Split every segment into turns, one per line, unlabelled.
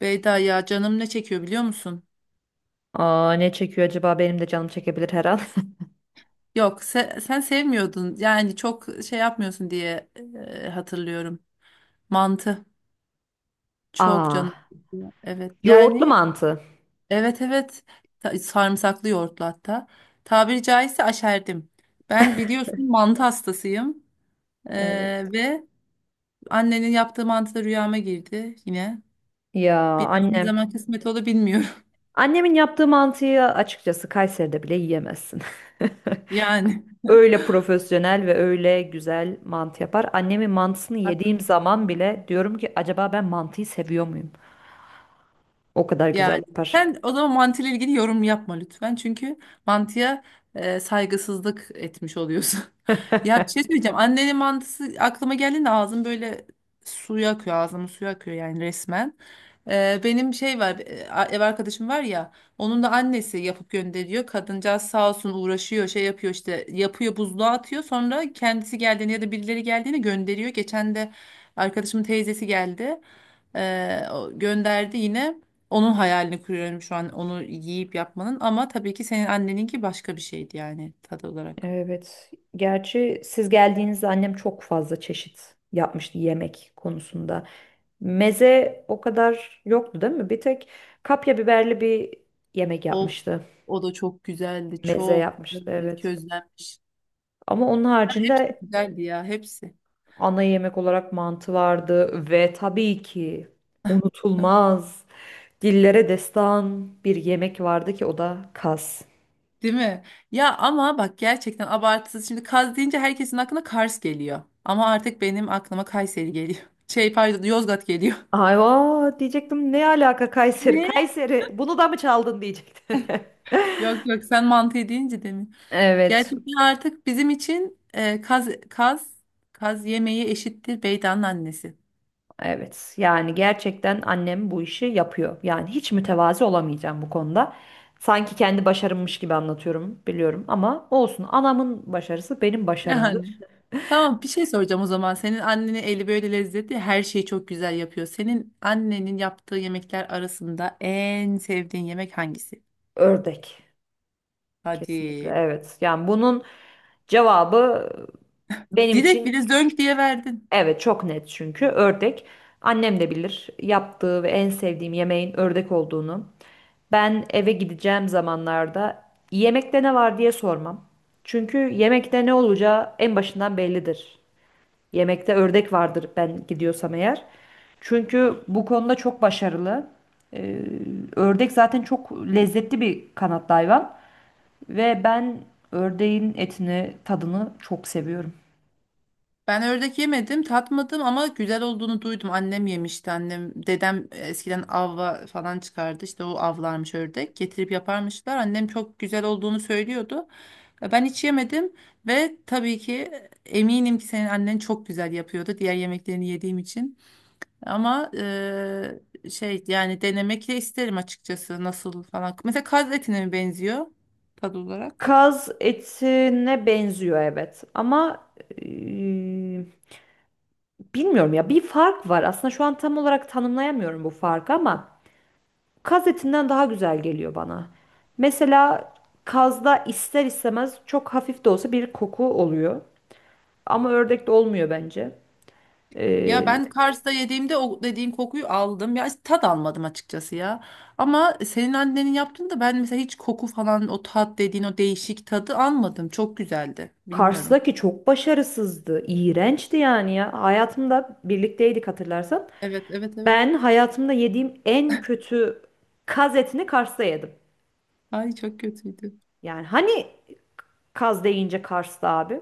Beyda ya canım ne çekiyor biliyor musun?
Aa, ne çekiyor acaba? Benim de canım çekebilir her an.
Yok sen sevmiyordun yani çok şey yapmıyorsun diye hatırlıyorum. Mantı çok canım
Aa,
çekiyor. Evet
yoğurtlu
yani
mantı.
evet evet. Sarımsaklı yoğurtlu hatta. Tabiri caizse aşerdim. Ben biliyorsun mantı hastasıyım. E,
Evet.
Ve annenin yaptığı mantı da rüyama girdi yine.
Ya
Bir daha ne
annem.
zaman kısmet olur bilmiyorum.
Annemin yaptığı mantıyı açıkçası Kayseri'de bile yiyemezsin.
Yani
Öyle profesyonel ve öyle güzel mantı yapar. Annemin mantısını
bak.
yediğim zaman bile diyorum ki acaba ben mantıyı seviyor muyum? O kadar güzel
Yani
yapar.
sen o zaman mantıyla ilgili yorum yapma lütfen. Çünkü mantıya saygısızlık etmiş oluyorsun. Ya bir şey söyleyeceğim. Annenin mantısı aklıma geldiğinde ağzım böyle suya akıyor. Ağzımın suyu akıyor yani resmen. Benim şey var, ev arkadaşım var ya, onun da annesi yapıp gönderiyor. Kadıncağız sağ olsun uğraşıyor şey yapıyor işte yapıyor buzluğa atıyor. Sonra kendisi geldiğinde ya da birileri geldiğinde gönderiyor. Geçen de arkadaşımın teyzesi geldi. O gönderdi yine. Onun hayalini kuruyorum şu an onu yiyip yapmanın, ama tabii ki senin anneninki başka bir şeydi yani tadı olarak.
Evet. Gerçi siz geldiğinizde annem çok fazla çeşit yapmıştı yemek konusunda. Meze o kadar yoktu değil mi? Bir tek kapya biberli bir yemek
Of,
yapmıştı.
o da çok güzeldi
Meze
çok,
yapmıştı
evet,
evet.
közlenmiş.
Ama onun
Hepsi
haricinde
güzeldi ya hepsi.
ana yemek olarak mantı vardı ve tabii ki
Heh.
unutulmaz dillere destan bir yemek vardı ki o da kas.
Değil mi? Ya ama bak gerçekten abartısız, şimdi kaz deyince herkesin aklına Kars geliyor. Ama artık benim aklıma Kayseri geliyor. Şey pardon, Yozgat geliyor.
Ay vaa diyecektim, ne alaka Kayseri?
Ne?
Kayseri bunu da mı çaldın diyecektim.
Yok yok, sen mantı deyince demin.
Evet.
Gerçekten artık bizim için kaz, kaz, kaz yemeği eşittir Beydan'ın annesi.
Evet, yani gerçekten annem bu işi yapıyor. Yani hiç mütevazi olamayacağım bu konuda. Sanki kendi başarımmış gibi anlatıyorum, biliyorum ama olsun. Anamın başarısı benim
Yani.
başarımdır.
Tamam bir şey soracağım o zaman. Senin annenin eli böyle lezzetli, her şeyi çok güzel yapıyor. Senin annenin yaptığı yemekler arasında en sevdiğin yemek hangisi?
Ördek. Kesinlikle
Hadi.
evet. Yani bunun cevabı benim
Direkt
için
bile zönk diye verdin.
evet çok net, çünkü ördek. Annem de bilir yaptığı ve en sevdiğim yemeğin ördek olduğunu. Ben eve gideceğim zamanlarda yemekte ne var diye sormam. Çünkü yemekte ne olacağı en başından bellidir. Yemekte ördek vardır ben gidiyorsam eğer. Çünkü bu konuda çok başarılı. Ee, Ördek zaten çok lezzetli bir kanatlı hayvan ve ben ördeğin etini, tadını çok seviyorum.
Ben ördek yemedim, tatmadım ama güzel olduğunu duydum. Annem yemişti. Annem, dedem eskiden avla falan çıkardı. İşte o avlarmış ördek. Getirip yaparmışlar. Annem çok güzel olduğunu söylüyordu. Ben hiç yemedim ve tabii ki eminim ki senin annen çok güzel yapıyordu, diğer yemeklerini yediğim için. Ama şey, yani denemek de isterim açıkçası nasıl falan. Mesela kaz etine mi benziyor tadı olarak?
Kaz etine benziyor evet, ama eee, bilmiyorum ya, bir fark var. Aslında şu an tam olarak tanımlayamıyorum bu farkı, ama kaz etinden daha güzel geliyor bana. Mesela kazda ister istemez çok hafif de olsa bir koku oluyor ama ördekte olmuyor bence.
Ya
Eee
ben Kars'ta yediğimde o dediğin kokuyu aldım. Ya tat almadım açıkçası ya. Ama senin annenin yaptığında ben mesela hiç koku falan, o tat dediğin o değişik tadı almadım. Çok güzeldi. Bilmiyorum.
Kars'taki çok başarısızdı, iğrençti yani ya. Hayatımda birlikteydik hatırlarsan.
Evet evet evet.
Ben hayatımda yediğim en kötü kaz etini Kars'ta yedim.
Ay çok kötüydü.
Yani hani Kaz deyince Kars'ta abi?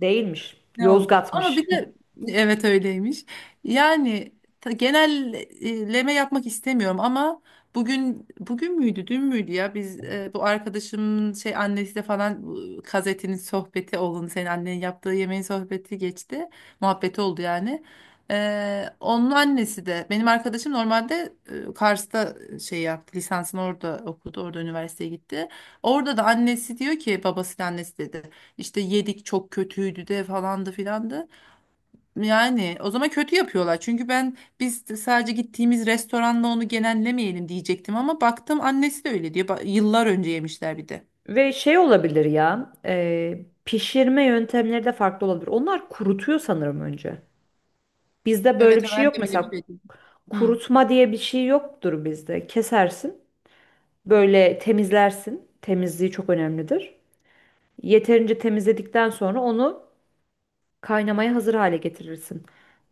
Değilmiş.
Ne oldu? Ama bir
Yozgat'mış.
de evet, öyleymiş. Yani genelleme yapmak istemiyorum ama bugün müydü, dün müydü, ya biz bu arkadaşımın şey annesiyle falan bu gazetenin sohbeti oldu. Senin annenin yaptığı yemeğin sohbeti geçti. Muhabbeti oldu yani. Onun annesi de benim arkadaşım normalde Kars'ta şey yaptı. Lisansını orada okudu. Orada üniversiteye gitti. Orada da annesi diyor ki, babasıyla annesi dedi. İşte yedik çok kötüydü de falandı filandı. Yani o zaman kötü yapıyorlar. Çünkü ben, biz de sadece gittiğimiz restoranla onu genellemeyelim diyecektim ama baktım annesi de öyle diyor. Yıllar önce yemişler bir de.
Ve şey olabilir ya, pişirme yöntemleri de farklı olabilir. Onlar kurutuyor sanırım önce. Bizde böyle
Evet
bir şey
ben de
yok.
öyle bir
Mesela
şey duydum. Hı,
kurutma diye bir şey yoktur bizde. Kesersin, böyle temizlersin. Temizliği çok önemlidir. Yeterince temizledikten sonra onu kaynamaya hazır hale getirirsin.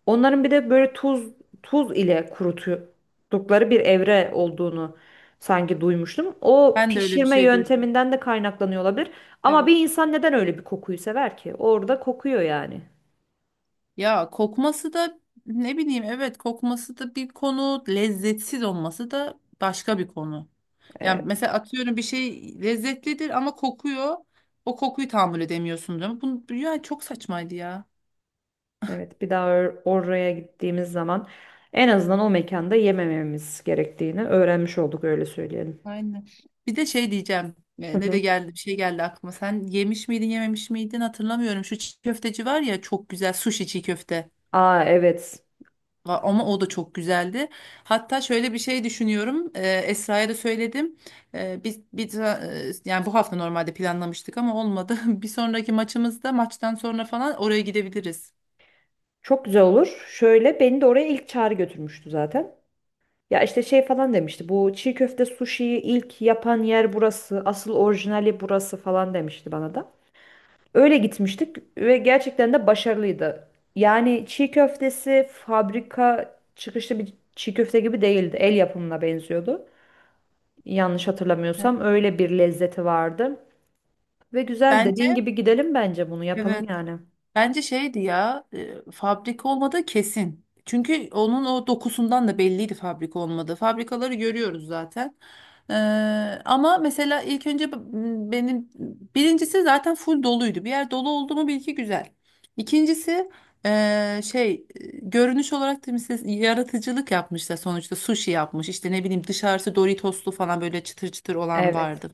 Onların bir de böyle tuz ile kuruttukları bir evre olduğunu sanki duymuştum. O
ben de öyle bir
pişirme
şey duydum.
yönteminden de kaynaklanıyor olabilir. Ama
Evet.
bir insan neden öyle bir kokuyu sever ki? Orada kokuyor yani.
Ya kokması da ne bileyim, evet, kokması da bir konu, lezzetsiz olması da başka bir konu.
Ee,
Yani mesela atıyorum bir şey lezzetlidir ama kokuyor. O kokuyu tahammül edemiyorsun değil mi? Bunu, yani çok saçmaydı ya.
evet, bir daha oraya gittiğimiz zaman en azından o mekanda yemememiz gerektiğini öğrenmiş olduk, öyle söyleyelim.
Aynen. Bir de şey diyeceğim.
Hı
Ne
hı.
de geldi, bir şey geldi aklıma. Sen yemiş miydin yememiş miydin hatırlamıyorum. Şu çiğ köfteci var ya çok güzel, sushi çiğ köfte.
Aa evet.
Ama o da çok güzeldi. Hatta şöyle bir şey düşünüyorum. Esra'ya da söyledim. Yani bu hafta normalde planlamıştık ama olmadı. Bir sonraki maçımızda maçtan sonra falan oraya gidebiliriz.
Çok güzel olur. Şöyle beni de oraya ilk çağrı götürmüştü zaten. Ya işte şey falan demişti. Bu çiğ köfte suşiyi ilk yapan yer burası. Asıl orijinali burası falan demişti bana da. Öyle gitmiştik ve gerçekten de başarılıydı. Yani çiğ köftesi fabrika çıkışlı bir çiğ köfte gibi değildi. El yapımına benziyordu. Yanlış hatırlamıyorsam
Evet.
öyle bir lezzeti vardı. Ve güzel,
Bence
dediğin gibi gidelim, bence bunu yapalım
evet.
yani.
Bence şeydi ya, fabrika olmadığı kesin. Çünkü onun o dokusundan da belliydi fabrika olmadığı. Fabrikaları görüyoruz zaten. Ee, Ama mesela ilk önce benim birincisi zaten full doluydu. Bir yer dolu oldu mu bil ki güzel. İkincisi görünüş olarak da mesela yaratıcılık yapmışlar, sonuçta sushi yapmış. İşte ne bileyim, dışarısı Doritoslu falan böyle çıtır çıtır olan
Evet.
vardı.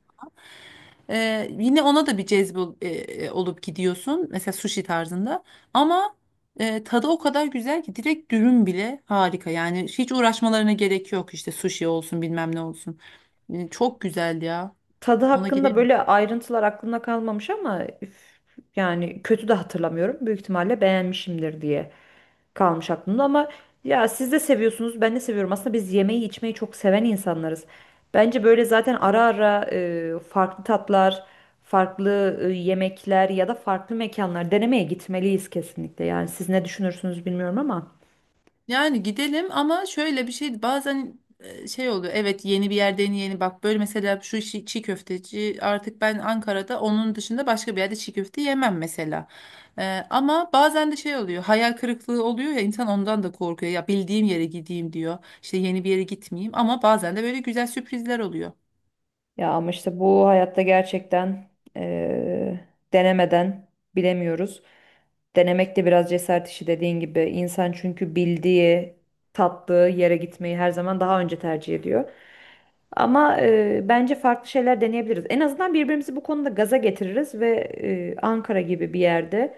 Yine ona da bir cezbe olup gidiyorsun. Mesela sushi tarzında. Ama tadı o kadar güzel ki direkt dürüm bile harika. Yani hiç uğraşmalarına gerek yok işte, sushi olsun bilmem ne olsun. Çok güzel ya.
Tadı
Ona
hakkında
gidelim.
böyle ayrıntılar aklımda kalmamış ama üf, yani kötü de hatırlamıyorum. Büyük ihtimalle beğenmişimdir diye kalmış aklımda, ama ya siz de seviyorsunuz, ben de seviyorum. Aslında biz yemeği içmeyi çok seven insanlarız. Bence böyle zaten ara ara farklı tatlar, farklı yemekler ya da farklı mekanlar denemeye gitmeliyiz kesinlikle. Yani siz ne düşünürsünüz bilmiyorum ama.
Yani gidelim, ama şöyle bir şey bazen şey oluyor. Evet yeni bir yerde, yeni yeni bak böyle, mesela şu çiğ köfteci, artık ben Ankara'da onun dışında başka bir yerde çiğ köfte yemem mesela. E, Ama bazen de şey oluyor, hayal kırıklığı oluyor ya, insan ondan da korkuyor. Ya bildiğim yere gideyim diyor, işte yeni bir yere gitmeyeyim, ama bazen de böyle güzel sürprizler oluyor.
Ya ama işte bu hayatta gerçekten eee, denemeden bilemiyoruz. Denemek de biraz cesaret işi, dediğin gibi. İnsan çünkü bildiği, tattığı yere gitmeyi her zaman daha önce tercih ediyor. Ama bence farklı şeyler deneyebiliriz. En azından birbirimizi bu konuda gaza getiririz ve Ankara gibi bir yerde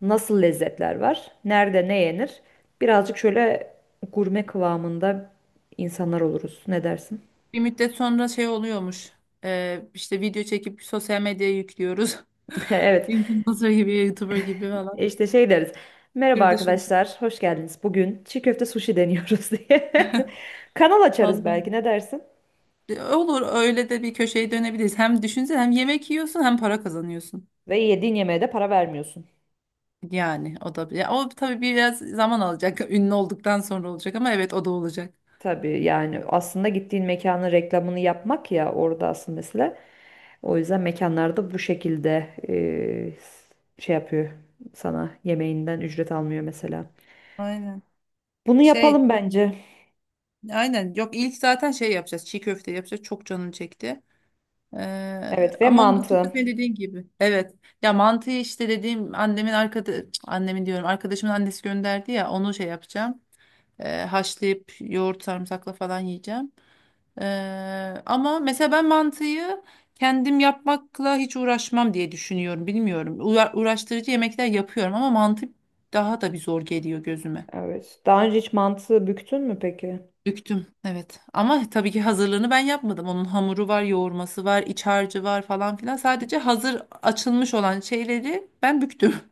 nasıl lezzetler var, nerede ne yenir, birazcık şöyle gurme kıvamında insanlar oluruz. Ne dersin?
Bir müddet sonra şey oluyormuş, işte video çekip sosyal medyaya yüklüyoruz.
Evet.
Influencer gibi, YouTuber gibi falan.
İşte şey deriz. Merhaba
Şurada şunu.
arkadaşlar, hoş geldiniz. Bugün çiğ köfte sushi deniyoruz diye. Kanal açarız
Vallahi.
belki, ne dersin?
Olur, öyle de bir köşeye dönebiliriz. Hem düşünsene, hem yemek yiyorsun hem para kazanıyorsun.
Ve yediğin yemeğe de para vermiyorsun.
Yani o da, ya o tabii biraz zaman alacak. Ünlü olduktan sonra olacak ama evet, o da olacak.
Tabii yani aslında gittiğin mekanın reklamını yapmak ya, orada asıl mesele. O yüzden mekanlarda bu şekilde şey yapıyor, sana yemeğinden ücret almıyor mesela.
Aynen.
Bunu
Şey,
yapalım bence.
aynen. Yok, ilk zaten şey yapacağız. Çiğ köfte yapacağız. Çok canım çekti.
Evet ve
Ama onun dışında
mantı.
senin dediğin gibi. Evet. Ya mantıyı işte, dediğim annemin arkada, annemin diyorum, arkadaşımın annesi gönderdi ya, onu şey yapacağım. Haşlayıp yoğurt sarımsakla falan yiyeceğim. Ama mesela ben mantıyı kendim yapmakla hiç uğraşmam diye düşünüyorum. Bilmiyorum. Uğraştırıcı yemekler yapıyorum ama mantı daha da bir zor geliyor gözüme.
Evet. Daha önce hiç mantı büktün mü peki?
Büktüm. Evet. Ama tabii ki hazırlığını ben yapmadım. Onun hamuru var, yoğurması var, iç harcı var falan filan. Sadece hazır açılmış olan şeyleri ben büktüm.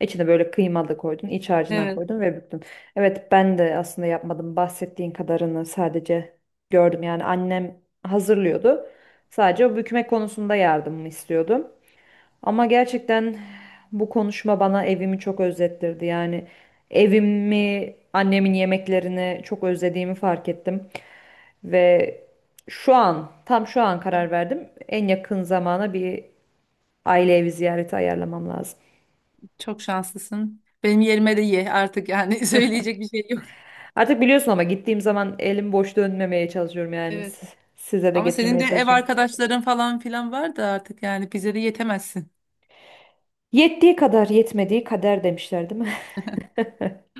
İçine böyle kıyma da koydun, iç harcından
Evet.
koydun ve büktün. Evet, ben de aslında yapmadım. Bahsettiğin kadarını sadece gördüm. Yani annem hazırlıyordu. Sadece o bükme konusunda yardımımı istiyordu. Ama gerçekten bu konuşma bana evimi çok özlettirdi. Yani evimi, annemin yemeklerini çok özlediğimi fark ettim. Ve şu an, tam şu an karar verdim. En yakın zamana bir aile evi ziyareti ayarlamam lazım.
Çok şanslısın. Benim yerime de ye artık yani söyleyecek bir şey yok.
Artık biliyorsun, ama gittiğim zaman elim boş dönmemeye çalışıyorum yani.
Evet.
Siz- size de
Ama senin de
getirmeye
ev
çalışıyorum.
arkadaşların falan filan var da artık yani bize de yetemezsin.
Yettiği kadar yetmediği kader demişler, değil mi?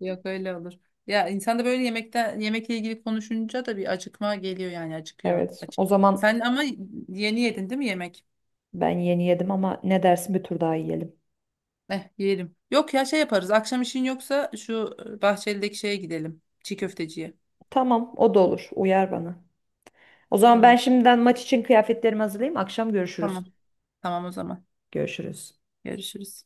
Yok öyle olur. Ya insan da böyle yemekten, yemekle ilgili konuşunca da bir acıkma geliyor yani, acıkıyor.
Evet.
Acık.
O zaman
Sen ama yeni yedin değil mi yemek?
ben yeni yedim ama ne dersin, bir tur daha yiyelim.
Eh yiyelim. Yok ya şey yaparız. Akşam işin yoksa şu Bahçeli'deki şeye gidelim. Çiğ köfteciye.
Tamam, o da olur. Uyar bana. O zaman ben
Tamam.
şimdiden maç için kıyafetlerimi hazırlayayım. Akşam
Tamam.
görüşürüz.
Tamam o zaman.
Görüşürüz.
Görüşürüz.